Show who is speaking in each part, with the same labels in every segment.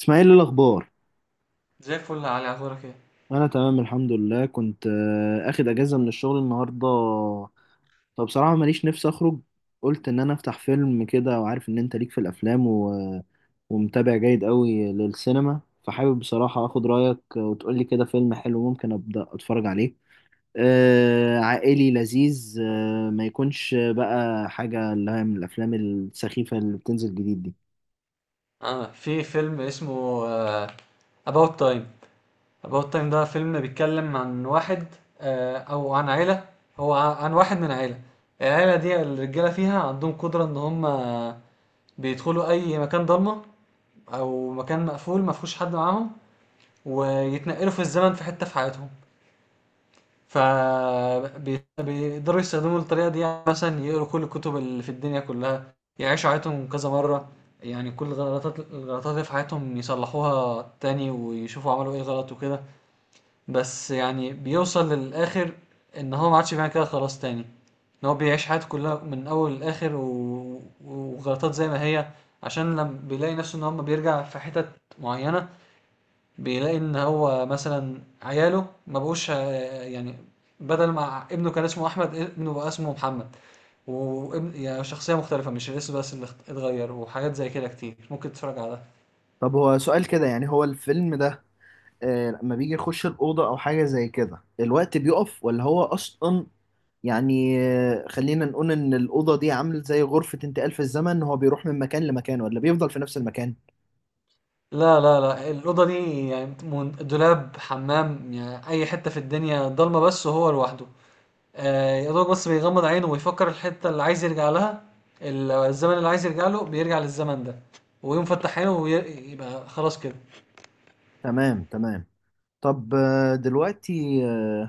Speaker 1: اسماعيل، إيه الاخبار؟
Speaker 2: زي الفل يا علي اخبارك ايه.
Speaker 1: انا تمام، الحمد لله. كنت اخد اجازه من الشغل النهارده. فبصراحه ماليش نفسي اخرج. قلت ان انا افتح فيلم كده، وعارف ان انت ليك في الافلام ومتابع جيد قوي للسينما، فحابب بصراحه اخد رايك وتقولي كده فيلم حلو ممكن ابدا اتفرج عليه. عائلي لذيذ، ما يكونش بقى حاجه اللي هي من الافلام السخيفه اللي بتنزل جديد دي.
Speaker 2: في فيلم اسمه About Time. About Time ده فيلم بيتكلم عن واحد، او عن عيلة. هو عن واحد من عيلة. العيلة دي الرجالة فيها عندهم قدرة ان هم بيدخلوا اي مكان ضلمة او مكان مقفول مفهوش حد معاهم، ويتنقلوا في الزمن في حتة في حياتهم. فبيقدروا يستخدموا الطريقة دي، يعني مثلا يقروا كل الكتب اللي في الدنيا كلها، يعيشوا حياتهم كذا مرة. يعني كل الغلطات، اللي في حياتهم يصلحوها تاني ويشوفوا عملوا ايه غلط وكده. بس يعني بيوصل للآخر إن هو ما عادش بيعمل كده خلاص تاني، إن هو بيعيش حياته كلها من أول لآخر وغلطات زي ما هي. عشان لما بيلاقي نفسه إن هو ما بيرجع في حتت معينة، بيلاقي ان هو مثلا عياله ما بقوش، يعني بدل ما ابنه كان اسمه احمد ابنه بقى اسمه محمد، وابن يعني شخصيه مختلفه، مش الاسم بس اللي اتغير، وحاجات زي كده كتير ممكن تتفرج على ده.
Speaker 1: طب هو سؤال كده، يعني هو الفيلم ده لما بيجي يخش الأوضة أو حاجة زي كده، الوقت بيقف ولا هو أصلا؟ يعني خلينا نقول إن الأوضة دي عامل زي غرفة انتقال في الزمن، هو بيروح من مكان لمكان ولا بيفضل في نفس المكان؟
Speaker 2: لا لا لا، الاوضه دي يعني دولاب حمام، يعني اي حته في الدنيا ضلمه بس وهو لوحده. يا دوب بس بيغمض عينه ويفكر الحته اللي عايز يرجع لها، الزمن اللي عايز يرجع له بيرجع للزمن ده، ويقوم فتح عينه ويبقى خلاص كده.
Speaker 1: تمام تمام. طب دلوقتي، آه،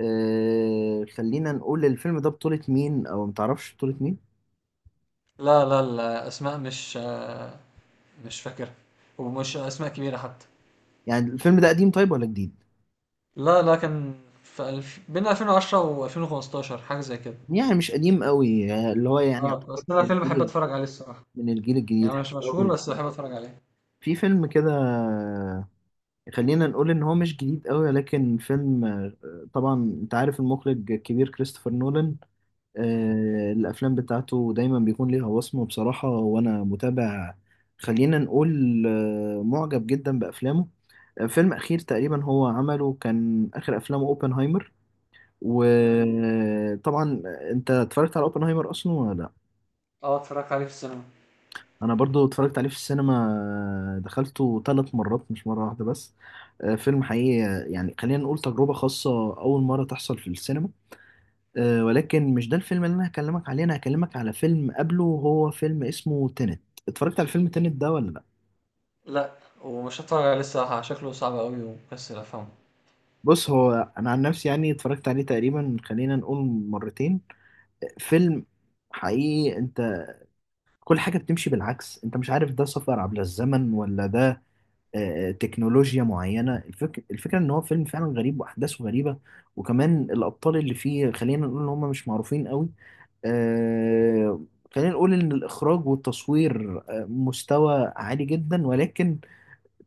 Speaker 1: آه، خلينا نقول الفيلم ده بطولة مين أو متعرفش بطولة مين؟
Speaker 2: لا لا، الأسماء مش فاكرها، ومش أسماء كبيرة حتى.
Speaker 1: يعني الفيلم ده قديم طيب ولا جديد؟
Speaker 2: لا لا كان في بين 2010 و2015 حاجة زي كده.
Speaker 1: يعني مش قديم قوي، اللي هو يعني
Speaker 2: اه
Speaker 1: يعتبر
Speaker 2: بس أنا
Speaker 1: من
Speaker 2: فيلم بحب
Speaker 1: الجيل.
Speaker 2: أتفرج عليه الصراحة،
Speaker 1: من الجيل الجديد،
Speaker 2: يعني
Speaker 1: حلو
Speaker 2: مش مشهور
Speaker 1: قوي.
Speaker 2: بس بحب أتفرج عليه.
Speaker 1: في فيلم كده، خلينا نقول ان هو مش جديد قوي، لكن فيلم طبعا انت عارف المخرج الكبير كريستوفر نولان.
Speaker 2: مم.
Speaker 1: الافلام بتاعته دايما بيكون ليها وصمة بصراحة، وانا متابع. خلينا نقول معجب جدا بافلامه. فيلم اخير تقريبا هو عمله كان اخر افلامه اوبنهايمر.
Speaker 2: مم.
Speaker 1: وطبعا انت اتفرجت على اوبنهايمر اصلا ولا؟
Speaker 2: اه اتفرجت عليه في السينما.
Speaker 1: انا برضو اتفرجت عليه في السينما، دخلته 3 مرات مش مرة واحدة بس. فيلم حقيقي، يعني خلينا نقول تجربة خاصة اول مرة تحصل في السينما. ولكن مش ده الفيلم اللي انا هكلمك عليه، انا هكلمك على فيلم قبله وهو فيلم اسمه تينت. اتفرجت على فيلم تينت ده ولا لا؟
Speaker 2: لا، ومش هتفرج عليه الصراحة، شكله صعب أوي ومكسل أفهمه.
Speaker 1: بص هو، انا عن نفسي يعني اتفرجت عليه تقريبا خلينا نقول مرتين. فيلم حقيقي، انت كل حاجة بتمشي بالعكس، انت مش عارف ده سفر عبر الزمن ولا ده تكنولوجيا معينة. الفكرة ان هو فيلم فعلا غريب واحداثه غريبة. وكمان الابطال اللي فيه، خلينا نقول ان هم مش معروفين قوي. آه، خلينا نقول ان الاخراج والتصوير مستوى عالي جدا، ولكن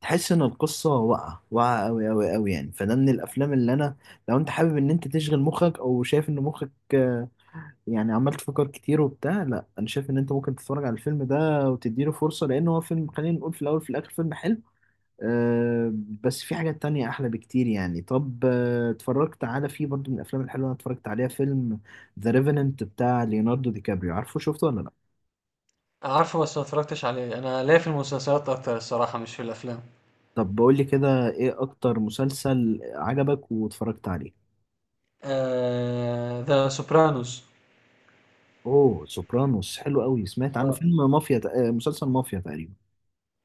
Speaker 1: تحس ان القصة واقعة واقعة قوي قوي قوي، يعني فده من الافلام اللي انا، لو انت حابب ان انت تشغل مخك او شايف ان مخك يعني عمال تفكر كتير وبتاع، لا انا شايف ان انت ممكن تتفرج على الفيلم ده وتديله فرصة، لان هو فيلم، خلينا نقول في الاول في الاخر فيلم حلو. أه بس في حاجات تانية أحلى بكتير. يعني طب اتفرجت على، في برضو من الأفلام الحلوة أنا اتفرجت عليها، فيلم ذا ريفننت بتاع ليوناردو دي كابريو، عارفه؟ شفته ولا لأ؟
Speaker 2: عارفه بس ما اتفرجتش عليه، أنا ليا في المسلسلات أكتر الصراحة مش في الأفلام.
Speaker 1: طب بقول لي كده إيه أكتر مسلسل عجبك واتفرجت عليه؟
Speaker 2: آه... ذا سوبرانوس.
Speaker 1: أوه، سوبرانوس حلو قوي، سمعت عنه. فيلم مافيا، مسلسل مافيا تقريبا.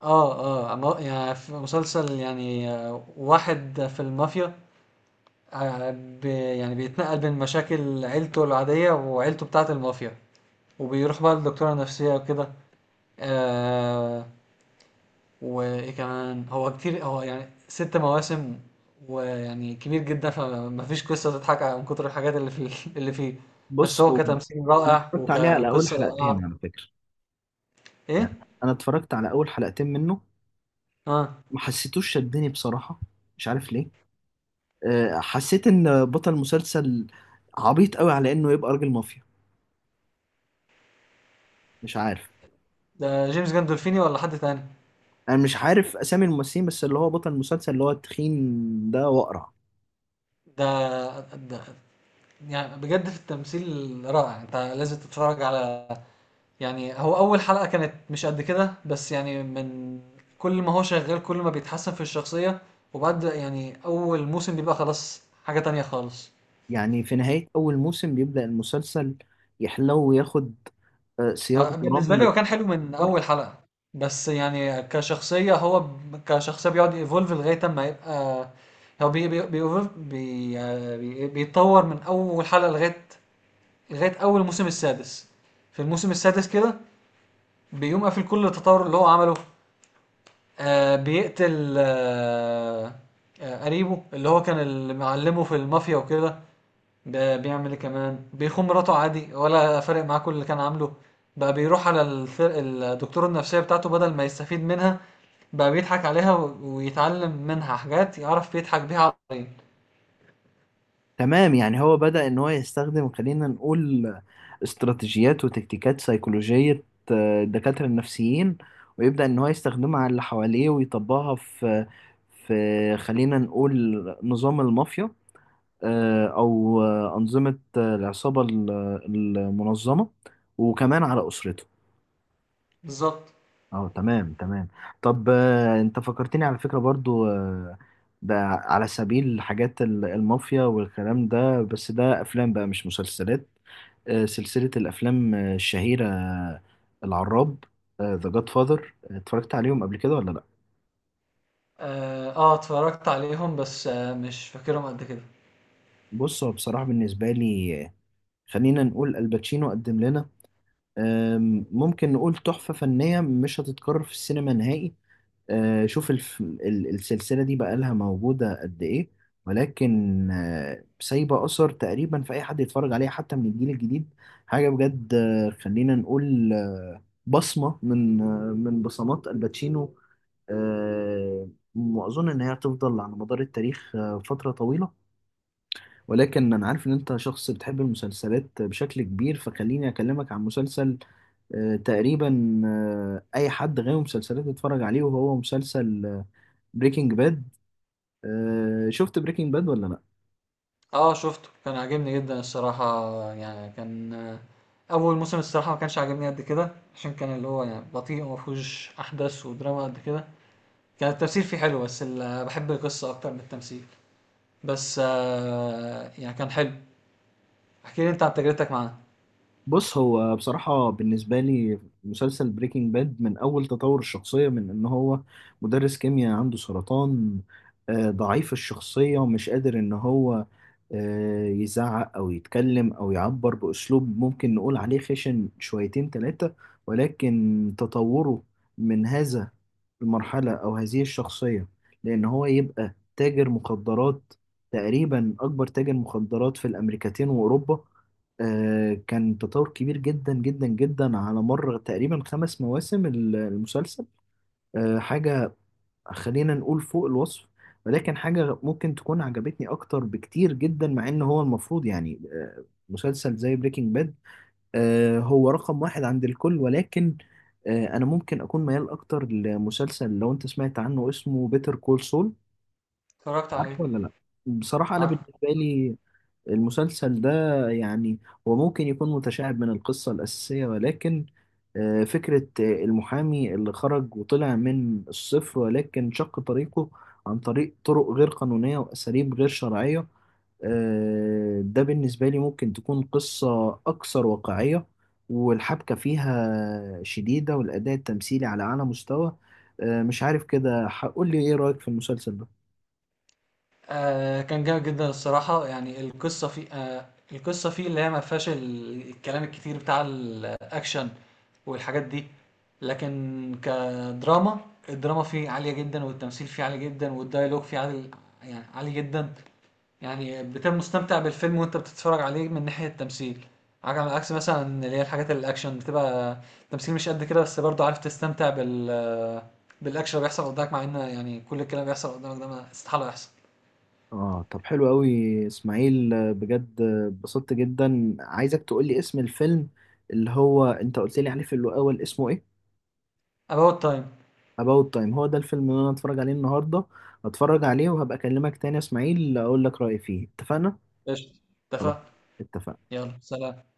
Speaker 2: اه. اه يعني في مسلسل، يعني واحد في المافيا، آه، يعني بيتنقل بين مشاكل عيلته العادية وعيلته بتاعة المافيا، وبيروح بقى للدكتورة النفسية وكده. آه، وإيه كمان، هو كتير، هو يعني ست مواسم ويعني كبير جدا، فمفيش قصة تضحك من كتر الحاجات اللي فيه اللي فيه. بس
Speaker 1: بص
Speaker 2: هو
Speaker 1: هو،
Speaker 2: كتمثيل
Speaker 1: أنا
Speaker 2: رائع
Speaker 1: اتفرجت عليه على أول
Speaker 2: وكقصة رائعة.
Speaker 1: حلقتين على فكرة.
Speaker 2: إيه؟
Speaker 1: يعني أنا اتفرجت على أول حلقتين منه.
Speaker 2: اه.
Speaker 1: ما حسيتوش شدني بصراحة. مش عارف ليه. حسيت ان بطل المسلسل عبيط قوي على انه يبقى راجل مافيا. مش عارف.
Speaker 2: ده جيمس جandolfini ولا حد تاني؟
Speaker 1: انا مش عارف اسامي الممثلين، بس اللي هو بطل المسلسل اللي هو التخين ده واقرع.
Speaker 2: ده ده يعني بجد في التمثيل رائع، انت لازم تتفرج على، يعني هو اول حلقة كانت مش قد كده، بس يعني من كل ما هو شغال كل ما بيتحسن في الشخصية، وبعد يعني اول موسم بيبقى خلاص حاجة تانية خالص.
Speaker 1: يعني في نهاية اول موسم بيبدأ المسلسل يحلو وياخد سياق
Speaker 2: بالنسبة لي
Speaker 1: درامي.
Speaker 2: هو كان حلو من اول حلقة، بس يعني كشخصية هو كشخصية بيقعد يفولف لغاية ما يبقى، هو بي بي بي evolve- بي آه، بي- بيتطور من اول حلقة لغاية اول موسم السادس. في الموسم السادس كده بيقوم قافل كل التطور اللي هو عمله. بيقتل، قريبه اللي هو كان اللي معلمه في المافيا وكده. ده بيعمل ايه كمان، بيخون مراته عادي ولا فارق معاه كل اللي كان عامله، بقى بيروح على الفرق الدكتور النفسية بتاعته، بدل ما يستفيد منها بقى بيضحك عليها ويتعلم منها حاجات يعرف يضحك بيها على.
Speaker 1: تمام، يعني هو بدأ ان هو يستخدم، خلينا نقول، استراتيجيات وتكتيكات سيكولوجية الدكاترة النفسيين، ويبدأ ان هو يستخدمها على اللي حواليه ويطبقها في خلينا نقول نظام المافيا، او أنظمة العصابة المنظمة، وكمان على أسرته.
Speaker 2: بالظبط.
Speaker 1: اه، تمام تمام. طب انت فكرتني على فكرة برضو، ده على سبيل حاجات المافيا والكلام ده، بس ده افلام بقى مش مسلسلات. سلسلة الافلام الشهيرة، العراب، ذا جاد فاذر، اتفرجت عليهم قبل كده ولا لا؟
Speaker 2: اه، اتفرجت عليهم بس آه مش فاكرهم قد كده.
Speaker 1: بص هو بصراحة بالنسبة لي، خلينا نقول الباتشينو قدم لنا، ممكن نقول تحفة فنية مش هتتكرر في السينما نهائي. شوف السلسلة دي بقالها موجودة قد إيه، ولكن سايبة أثر تقريبا في أي حد يتفرج عليها حتى من الجيل الجديد. حاجة بجد، خلينا نقول بصمة من بصمات الباتشينو، آه، وأظن إن هي هتفضل على مدار التاريخ فترة طويلة. ولكن أنا عارف إن أنت شخص بتحب المسلسلات بشكل كبير، فخليني أكلمك عن مسلسل تقريبا اي حد غاوي مسلسلات يتفرج عليه، وهو مسلسل بريكنج باد. شفت بريكنج باد ولا لا؟
Speaker 2: آه شُفته، كان عاجبني جدًا الصراحة، يعني كان، أول موسم الصراحة ما كانش عاجبني قد كده، عشان كان اللي هو يعني بطيء وما فيهوش أحداث ودراما قد كده، كان التمثيل فيه حلو، بس ال باحب القصة أكتر من التمثيل، بس آه يعني كان حلو. احكِ لي أنت عن تجربتك معاه.
Speaker 1: بص هو بصراحة بالنسبة لي، مسلسل بريكنج باد من أول تطور الشخصية، من إن هو مدرس كيمياء عنده سرطان، ضعيف الشخصية ومش قادر إن هو يزعق أو يتكلم أو يعبر بأسلوب ممكن نقول عليه خشن شويتين تلاتة، ولكن تطوره من هذا المرحلة أو هذه الشخصية لأن هو يبقى تاجر مخدرات، تقريبا أكبر تاجر مخدرات في الأمريكتين وأوروبا. كان تطور كبير جدا جدا جدا على مر تقريبا 5 مواسم المسلسل. حاجة خلينا نقول فوق الوصف. ولكن حاجة ممكن تكون عجبتني أكتر بكتير جدا، مع إن هو المفروض يعني مسلسل زي بريكنج باد هو رقم واحد عند الكل، ولكن أنا ممكن أكون ميال أكتر لمسلسل، لو أنت سمعت عنه، اسمه بيتر كول سول.
Speaker 2: اتفرجت على إيه؟
Speaker 1: عارفه ولا لأ؟ بصراحة أنا
Speaker 2: عارفه؟
Speaker 1: بالنسبة لي، المسلسل ده يعني هو ممكن يكون متشعب من القصة الأساسية، ولكن فكرة المحامي اللي خرج وطلع من الصفر، ولكن شق طريقه عن طريق طرق غير قانونية وأساليب غير شرعية. ده بالنسبة لي ممكن تكون قصة أكثر واقعية، والحبكة فيها شديدة، والأداء التمثيلي على أعلى مستوى. مش عارف، كده هقول لي إيه رأيك في المسلسل ده؟
Speaker 2: آه كان جامد جدا الصراحة، يعني القصة فيه اللي هي ما فيهاش الكلام الكتير بتاع الأكشن والحاجات دي، لكن كدراما الدراما فيه عالية جدا، والتمثيل فيه عالي جدا، والديالوج فيه عالي، يعني عالي جدا. يعني بتبقى مستمتع بالفيلم وانت بتتفرج عليه من ناحية التمثيل، على عكس مثلا اللي هي الحاجات الأكشن بتبقى تمثيل مش قد كده، بس برضه عارف تستمتع بالأكشن اللي بيحصل قدامك، مع إن يعني كل الكلام اللي بيحصل قدامك ده ما استحالة يحصل.
Speaker 1: اه، طب حلو قوي. اسماعيل، بجد اتبسطت جدا. عايزك تقول لي اسم الفيلم اللي هو انت قلت لي عليه في الاول، اسمه ايه؟
Speaker 2: About Time.
Speaker 1: About Time، هو ده الفيلم اللي انا هتفرج عليه النهارده. هتفرج عليه وهبقى اكلمك تاني يا اسماعيل، اقول لك رأيي فيه. اتفقنا؟
Speaker 2: قشطة،
Speaker 1: خلاص،
Speaker 2: اتفقنا.
Speaker 1: اتفقنا.
Speaker 2: يلا سلام.